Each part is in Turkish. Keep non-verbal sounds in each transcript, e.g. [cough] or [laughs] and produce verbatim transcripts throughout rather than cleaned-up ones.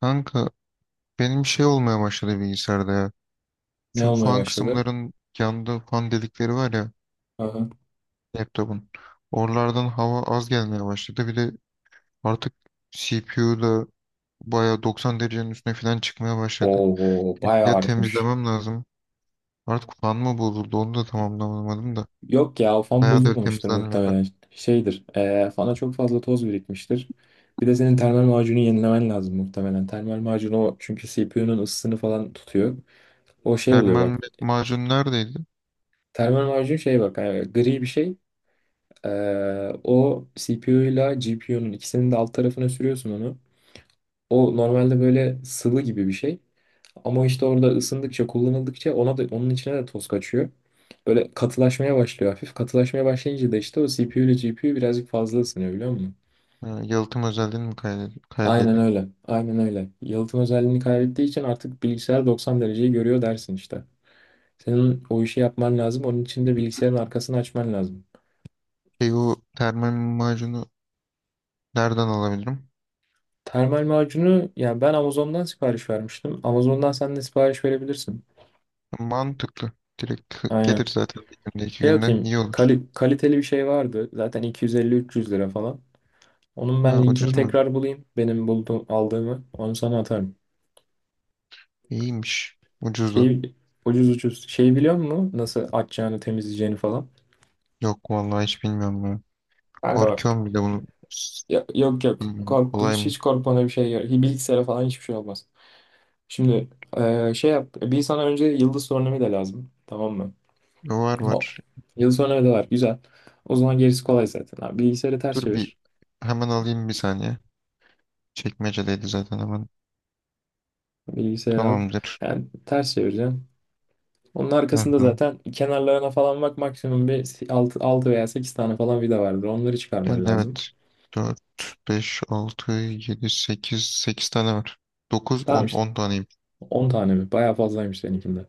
Kanka benim şey olmaya başladı bilgisayarda ya. Ne Şu olmaya fan başladı? kısımların yanında fan delikleri var ya Aha. laptopun. Oralardan hava az gelmeye başladı. Bir de artık C P U da bayağı doksan derecenin üstüne falan çıkmaya başladı. Oo, bayağı Ya artmış. temizlemem lazım. Artık fan mı bozuldu onu da tamamlamadım da. Yok ya o fan Bayağıdır bozulmamıştır temizlenmiyordu. muhtemelen. Şeydir. E, fana çok fazla toz birikmiştir. Bir de senin termal macunu yenilemen lazım muhtemelen. Termal macun o, çünkü C P U'nun ısısını falan tutuyor. O şey oluyor Termal bak. macun neredeydi? Termal macun şey bak, e, gri bir şey. E, O C P U ile G P U'nun ikisinin de alt tarafına sürüyorsun onu. O normalde böyle sıvı gibi bir şey. Ama işte orada ısındıkça, kullanıldıkça ona da, onun içine de toz kaçıyor. Böyle katılaşmaya başlıyor hafif. Katılaşmaya başlayınca da işte o C P U ile G P U birazcık fazla ısınıyor, biliyor musun? Ha, yalıtım özelliğini mi kaybediyor? Aynen Kaybediyor. öyle. Aynen öyle. Yalıtım özelliğini kaybettiği için artık bilgisayar doksan dereceyi görüyor dersin işte. Senin o işi yapman lazım. Onun için de bilgisayarın arkasını açman lazım. Şey o termal macunu nereden alabilirim? Termal macunu yani ben Amazon'dan sipariş vermiştim. Amazon'dan sen de sipariş verebilirsin. Mantıklı. Direkt hı- Aynen. gelir zaten bir günde iki Şey günde atayım. iyi olur. Kali- kaliteli bir şey vardı. Zaten iki yüz elli üç yüz lira falan. Onun Ha, ben linkini ucuz mu? tekrar bulayım, benim bulduğum, aldığımı. Onu sana atarım. İyiymiş. Ucuz da. Şey, ucuz ucuz. Şey, biliyor musun? Nasıl açacağını, temizleyeceğini falan. Yok vallahi hiç bilmiyorum ya. Kanka bak. Korkuyorum bir de bunu. S- Ya- Yok yok. Bilmiyorum Kork, kolay hiç mı? hiç korkmana bir şey yok. Hi- Bilgisayara falan hiçbir şey olmaz. Şimdi eee, şey yap. Bir sana önce yıldız sorunumuyla lazım. Tamam mı? Var O. var. Yıldız sorunumuyla var. Güzel. O zaman gerisi kolay zaten. Abi, bilgisayarı ters Dur bir çevir. hemen alayım bir saniye. Çekmecedeydi zaten hemen. Bilgisayarı al. Tamamdır. Yani ters çevireceksin. Onun arkasında Aha. zaten, kenarlarına falan bak, maksimum bir altı, altı veya sekiz tane falan vida vardır. Onları çıkarman Yani lazım. evet. Dört beş altı yedi sekiz sekiz tane var. dokuz, Tamam on işte, 10 taneyim. on tane mi? Bayağı fazlaymış seninkinde.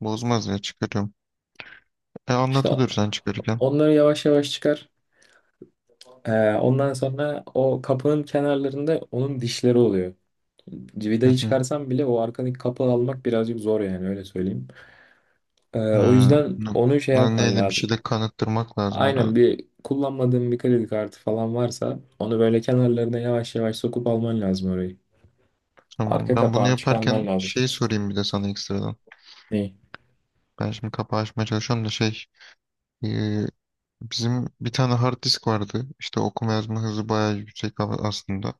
Bozmaz ya çıkarıyorum. E İşte o- anlatılır sen çıkarırken. onları yavaş yavaş çıkar. Ee, ondan sonra o kapının kenarlarında onun dişleri oluyor. Vidayı [laughs] çıkarsan bile o arkadaki kapı almak birazcık zor, yani öyle söyleyeyim. Ee, o Ha, yüzden bunu- onu şey Buna yapman neyle bir lazım. şeyle kanıttırmak lazım Aynen, herhalde. bir kullanmadığın bir kredi kartı falan varsa onu böyle kenarlarına yavaş yavaş sokup alman lazım orayı. Arka Tamam. Ben bunu kapağını yaparken çıkarman lazım. şey sorayım bir de sana ekstradan. Neyi? Ben şimdi kapağı açmaya çalışıyorum da şey e, bizim bir tane hard disk vardı. İşte okuma yazma hızı bayağı yüksek a- aslında.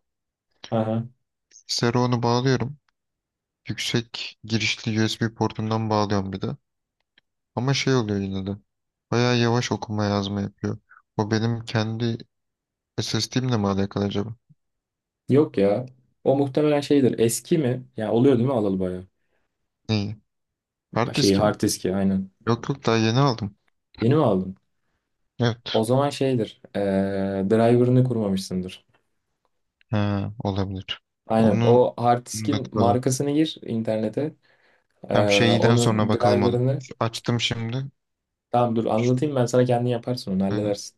Aha. Bilgisayara onu bağlıyorum. Yüksek girişli U S B portundan bağlıyorum bir de. Ama şey oluyor yine de. Bayağı yavaş okuma yazma yapıyor. O benim kendi S S D'imle mi alakalı acaba? Yok ya. O muhtemelen şeydir. Eski mi? Ya oluyor değil mi, alalı bayağı? Neyi? Hard Şeyi, diski mi? hard diski aynen. Yok yok daha yeni aldım. Yeni mi aldın? O Evet. zaman şeydir. Ee, driver'ını kurmamışsındır. Ha, olabilir. Aynen. Onu O hard onu da diskin kuralım. markasını gir internete. Tam Ee, şeyden sonra Onun bakalım ona. driver'ını. Şu açtım şimdi. Tamam, dur Şu- anlatayım ben sana, kendin yaparsın onu, ha, halledersin.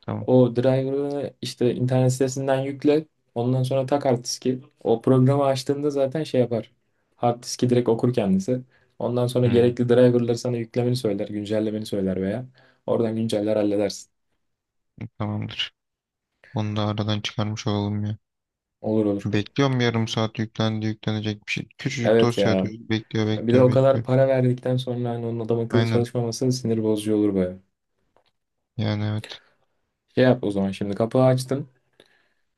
tamam. O driver'ı işte internet sitesinden yükle. Ondan sonra tak hard diski. O programı açtığında zaten şey yapar, hard diski direkt okur kendisi. Ondan sonra Hı, gerekli driver'ları sana yüklemeni söyler, güncellemeni söyler veya oradan günceller, halledersin. tamamdır. Onu da aradan çıkarmış olalım ya. Olur olur. Bekliyorum yarım saat yüklendi yüklenecek bir şey. Küçücük Evet dosya ya. atıyoruz. Bekliyor Bir de bekliyor o kadar bekliyor. para verdikten sonra hani onun adam akıllı Aynen. çalışmaması sinir bozucu olur baya. Yani evet. Şey yap o zaman, şimdi kapağı açtın.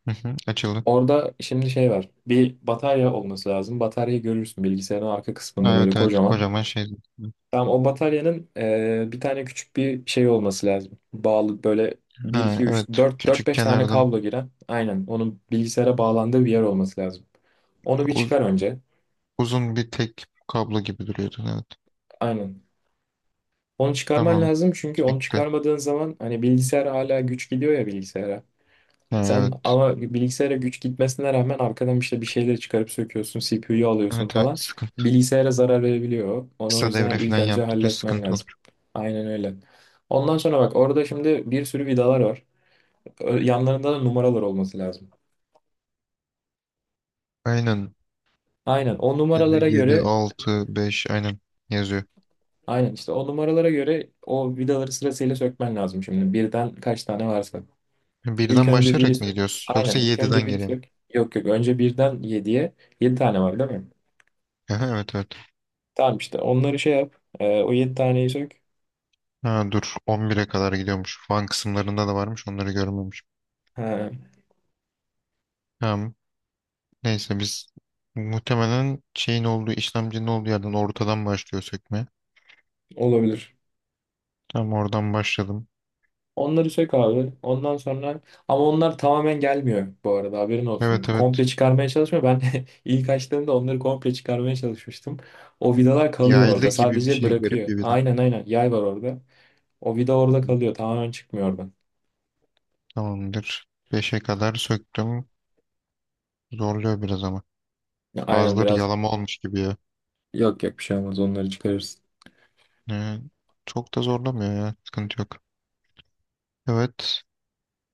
Hı hı, açıldı. Orada şimdi şey var, bir batarya olması lazım. Bataryayı görürsün bilgisayarın arka kısmında Ha, böyle evet evet kocaman. kocaman şey. Tamam, o bataryanın e, bir tane küçük bir şey olması lazım, bağlı böyle bir iki Ha, üç evet dört dört küçük beş tane kenardan kablo giren. Aynen. Onun bilgisayara bağlandığı bir yer olması lazım. Onu bir uz- çıkar önce. uzun bir tek kablo gibi duruyordu. Evet. Aynen. Onu çıkarman Tamam. lazım, çünkü onu Çıktı. çıkarmadığın zaman hani bilgisayar hala güç gidiyor ya bilgisayara. Ha, Sen evet. ama bilgisayara güç gitmesine rağmen arkadan işte bir şeyleri çıkarıp söküyorsun, C P U'yu alıyorsun Evet evet falan. sıkıntı. Bilgisayara zarar verebiliyor. Onu o Kısa devre yüzden ilk falan önce yaptığında halletmen sıkıntı lazım. olur. Aynen öyle. Ondan sonra bak, orada şimdi bir sürü vidalar var. Ö- Yanlarında da numaralar olması lazım. Aynen. Aynen o numaralara yedi, göre altı, beş aynen yazıyor. aynen işte, o numaralara göre o vidaları sırasıyla sökmen lazım şimdi. Birden kaç tane varsa. İlk Birden önce biri başlayarak mı sök. gidiyoruz? Aynen, Yoksa ilk yediden önce biri geriye mi? sök. Yok yok, önce birden yediye. Yedi tane var değil mi? [laughs] Aha, evet evet. Tamam işte, onları şey yap. Ee, o yedi taneyi sök. Ha, dur on bire kadar gidiyormuş. Fan kısımlarında da varmış onları görmemiş. Ha, Tamam. Neyse biz muhtemelen şeyin olduğu işlemcinin olduğu yerden ortadan başlıyor sökmeye. olabilir. Tamam oradan başladım. Onları sök abi. Ondan sonra, ama onlar tamamen gelmiyor bu arada, haberin olsun. Evet evet. Komple çıkarmaya çalışmıyor. Ben [laughs] ilk açtığımda onları komple çıkarmaya çalışmıştım. O vidalar kalıyor Yaylı orada, gibi bir sadece şey garip bırakıyor. bir bilen. Aynen aynen. Yay var orada. O vida orada kalıyor, tamamen çıkmıyor oradan. Tamamdır. beşe kadar söktüm. Zorluyor biraz ama. Ya aynen, Bazıları biraz. yalama olmuş gibi ya. Yok yok, bir şey olmaz. Onları çıkarırsın. Ee, çok da zorlamıyor ya. Sıkıntı yok. Evet.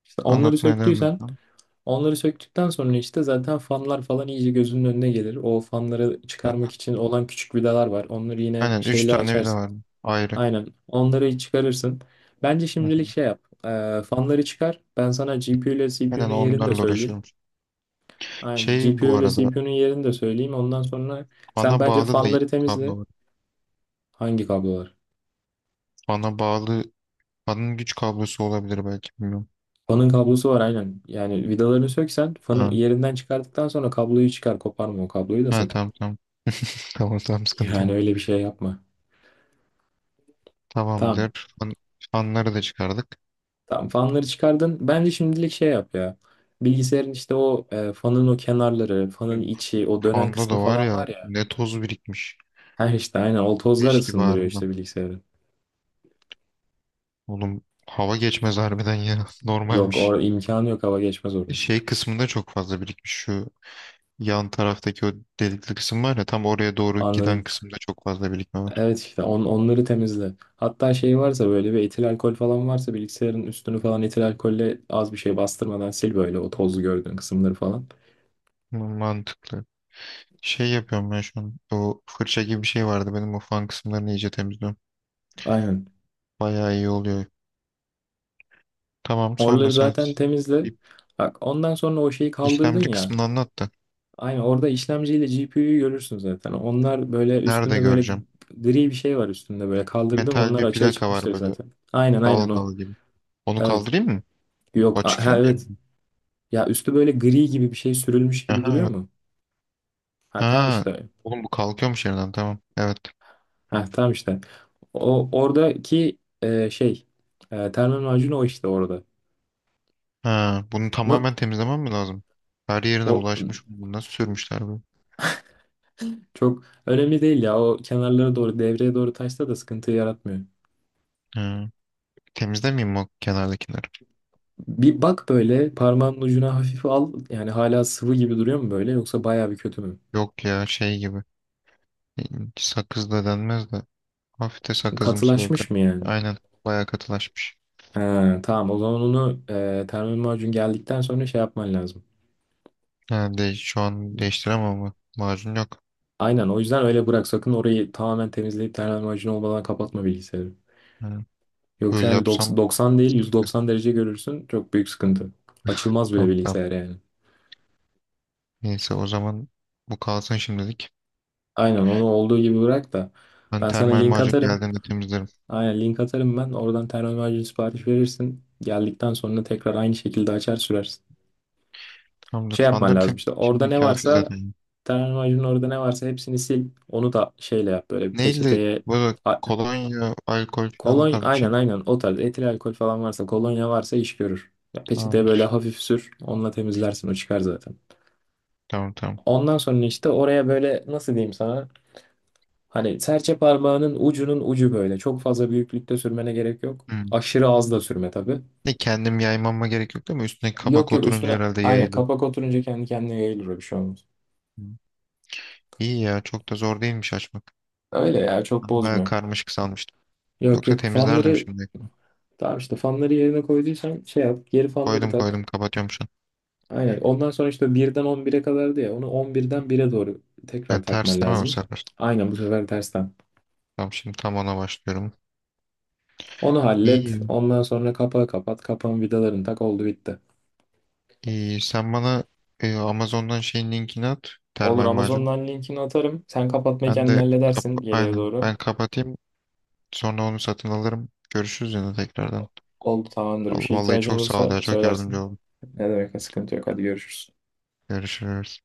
İşte onları Anlatmaya devam söktüysen edeceğim. Onları söktükten sonra işte zaten fanlar falan iyice gözünün önüne gelir. O fanları çıkarmak için olan küçük vidalar var. Onları yine Aynen. Üç şeyle tane vida açarsın. var. Ayrı. Aynen. Onları çıkarırsın. Bence Hı hı. şimdilik şey yap. Ee, fanları çıkar. Ben sana G P U ile Aynen C P U'nun yerini de onlarla söyleyeyim. uğraşıyorum. Aynen. Şey G P U bu ile arada. C P U'nun yerini de söyleyeyim. Ondan sonra sen Fana bence bağlı da fanları temizle. kablo var. Hangi kablo var? Fana bağlı. Fanın güç kablosu olabilir belki. Bilmiyorum. Fanın kablosu var aynen. Yani vidalarını söksen fanı Ha. yerinden çıkardıktan sonra kabloyu çıkar. Koparma o kabloyu da Ha, sakın. tamam tamam. [laughs] Tamam tamam sıkıntı yok. Yani öyle bir şey yapma. Tamam. Tamamdır. Fan, fanları da çıkardık. Tamam, fanları çıkardın. Bence şimdilik şey yap ya. Bilgisayarın işte o e, fanın o kenarları, Hı. fanın içi, o dönen Fanda kısmı da var falan ya var ya. ne toz birikmiş. Her işte aynen o tozlar Leş gibi ısındırıyor harbiden. işte bilgisayarı. Oğlum hava geçmez harbiden ya. [laughs] Yok, or Normalmiş. imkanı yok hava geçmez orada. Şey kısmında çok fazla birikmiş. Şu yan taraftaki o delikli kısım var ya tam oraya doğru giden Anladım. kısımda çok fazla birikme var. Evet işte on, onları temizle. Hatta şey varsa, böyle bir etil alkol falan varsa, bilgisayarın üstünü falan etil alkolle, az bir şey bastırmadan sil böyle, o tozlu gördüğün kısımları falan. Mantıklı. Şey yapıyorum ben şu an. O fırça gibi bir şey vardı. Benim o fan kısımlarını iyice temizliyorum. Aynen. Bayağı iyi oluyor. Tamam sonra Oraları sen zaten temizle. bir Bak, ondan sonra o şeyi kaldırdın işlemci ya. kısmını anlat da. Aynen, orada işlemciyle G P U'yu görürsün zaten. Onlar böyle Nerede üstünde, böyle göreceğim? gri bir şey var üstünde, böyle kaldırdım Metal onlar, bir açığa plaka var çıkmıştır böyle zaten. Aynen aynen dal o. dal gibi. Onu Evet. kaldırayım mı? O Yok, a- çıkıyor ha, mu evet. yerinden? Ya üstü böyle gri gibi bir şey sürülmüş gibi Aha duruyor evet. mu? Ha, tamam Ha. işte. Oğlum bu kalkıyormuş yerinden tamam. Evet. Ha, tamam işte. O oradaki e, şey, e, termal macun o, işte orada. Ha, bunu Na- tamamen temizlemem mi lazım? Her yerine o, bulaşmış. Bunu nasıl sürmüşler bu? çok önemli değil ya. O kenarlara doğru, devreye doğru taşsa da sıkıntı yaratmıyor. Ha, temizlemeyeyim mi o kenardakileri? Bir bak, böyle parmağının ucuna hafif al. Yani hala sıvı gibi duruyor mu böyle, yoksa bayağı bir kötü mü? Yok ya şey gibi. E, Sakız da denmez de. Hafif de sakızımsı böyle. Katılaşmış mı yani? Aynen. Bayağı katılaşmış. Ha, tamam, o zaman onu e, termal macun geldikten sonra şey yapman lazım. Ha, de, şu an değiştiremem ama macun yok. Aynen, o yüzden öyle bırak, sakın orayı tamamen temizleyip termal macun olmadan kapatma bilgisayarı. Ha, Yoksa böyle yani yapsam doks- doksan değil, yüz sıkıntı. doksan derece görürsün, çok büyük sıkıntı. Açılmaz bile Tamam, tamam. bilgisayar yani. Neyse o zaman bu kalsın şimdilik. Aynen, onu olduğu gibi bırak da Ben ben sana termal link macun atarım. geldiğinde temizlerim. Aynen, link atarım ben. Oradan termometre sipariş verirsin. Geldikten sonra tekrar aynı şekilde açar sürersin. Tamamdır. Şey yapman Fanları lazım temizledim. işte. Orada Şimdi ne kafi varsa zaten. Termometrinin orada ne varsa hepsini sil. Onu da şeyle yap, böyle bir Neyle? peçeteye, Böyle a- kolonya, alkol falan o kolon tarz bir şey aynen mi? aynen, o tarz etil alkol falan varsa, kolonya varsa iş görür. Ya peçeteye böyle Tamamdır. hafif sür, onunla temizlersin, o çıkar zaten. Tamam tamam. Ondan sonra işte oraya böyle nasıl diyeyim sana, hani serçe parmağının ucunun ucu böyle, çok fazla büyüklükte sürmene gerek yok. Hmm. Aşırı az da sürme tabii. Ne kendim yaymama gerek yok değil mi? Üstüne Yok kabak yok, oturunca üstüne herhalde aynen yayılır. kapak oturunca kendi kendine yayılır, o bir şey olmaz. Hmm. İyi ya çok da zor değilmiş açmak. Öyle ya, çok Ben bayağı bozmuyor. karmaşık sanmıştım. Yok Yoksa yok, temizlerdim fanları şimdi. tamam işte, fanları yerine koyduysan şey yap, geri fanları Koydum tak. koydum kapatıyorum şu an. Aynen, ondan sonra işte birden on bire kadardı ya, onu on birden bire doğru Ha, tekrar takman ters değil mi bu lazım. sefer? Aynen, bu sefer tersten. Tamam şimdi tam ona başlıyorum. Onu hallet, İyi. ondan sonra kapağı kapat, kapağın vidalarını tak, oldu bitti. İyi. Sen bana e, Amazon'dan şeyin linkini at. Olur, Termal macun. Amazon'dan linkini atarım. Sen kapatmayı Ben kendin de kap- halledersin geriye aynen doğru. ben kapatayım. Sonra onu satın alırım. Görüşürüz yine tekrardan. Oldu tamamdır, bir şey Vallahi ihtiyacın çok sağ ol olursa ya. Çok yardımcı söylersin. oldun. Ne demek, sıkıntı yok, hadi görüşürüz. Görüşürüz.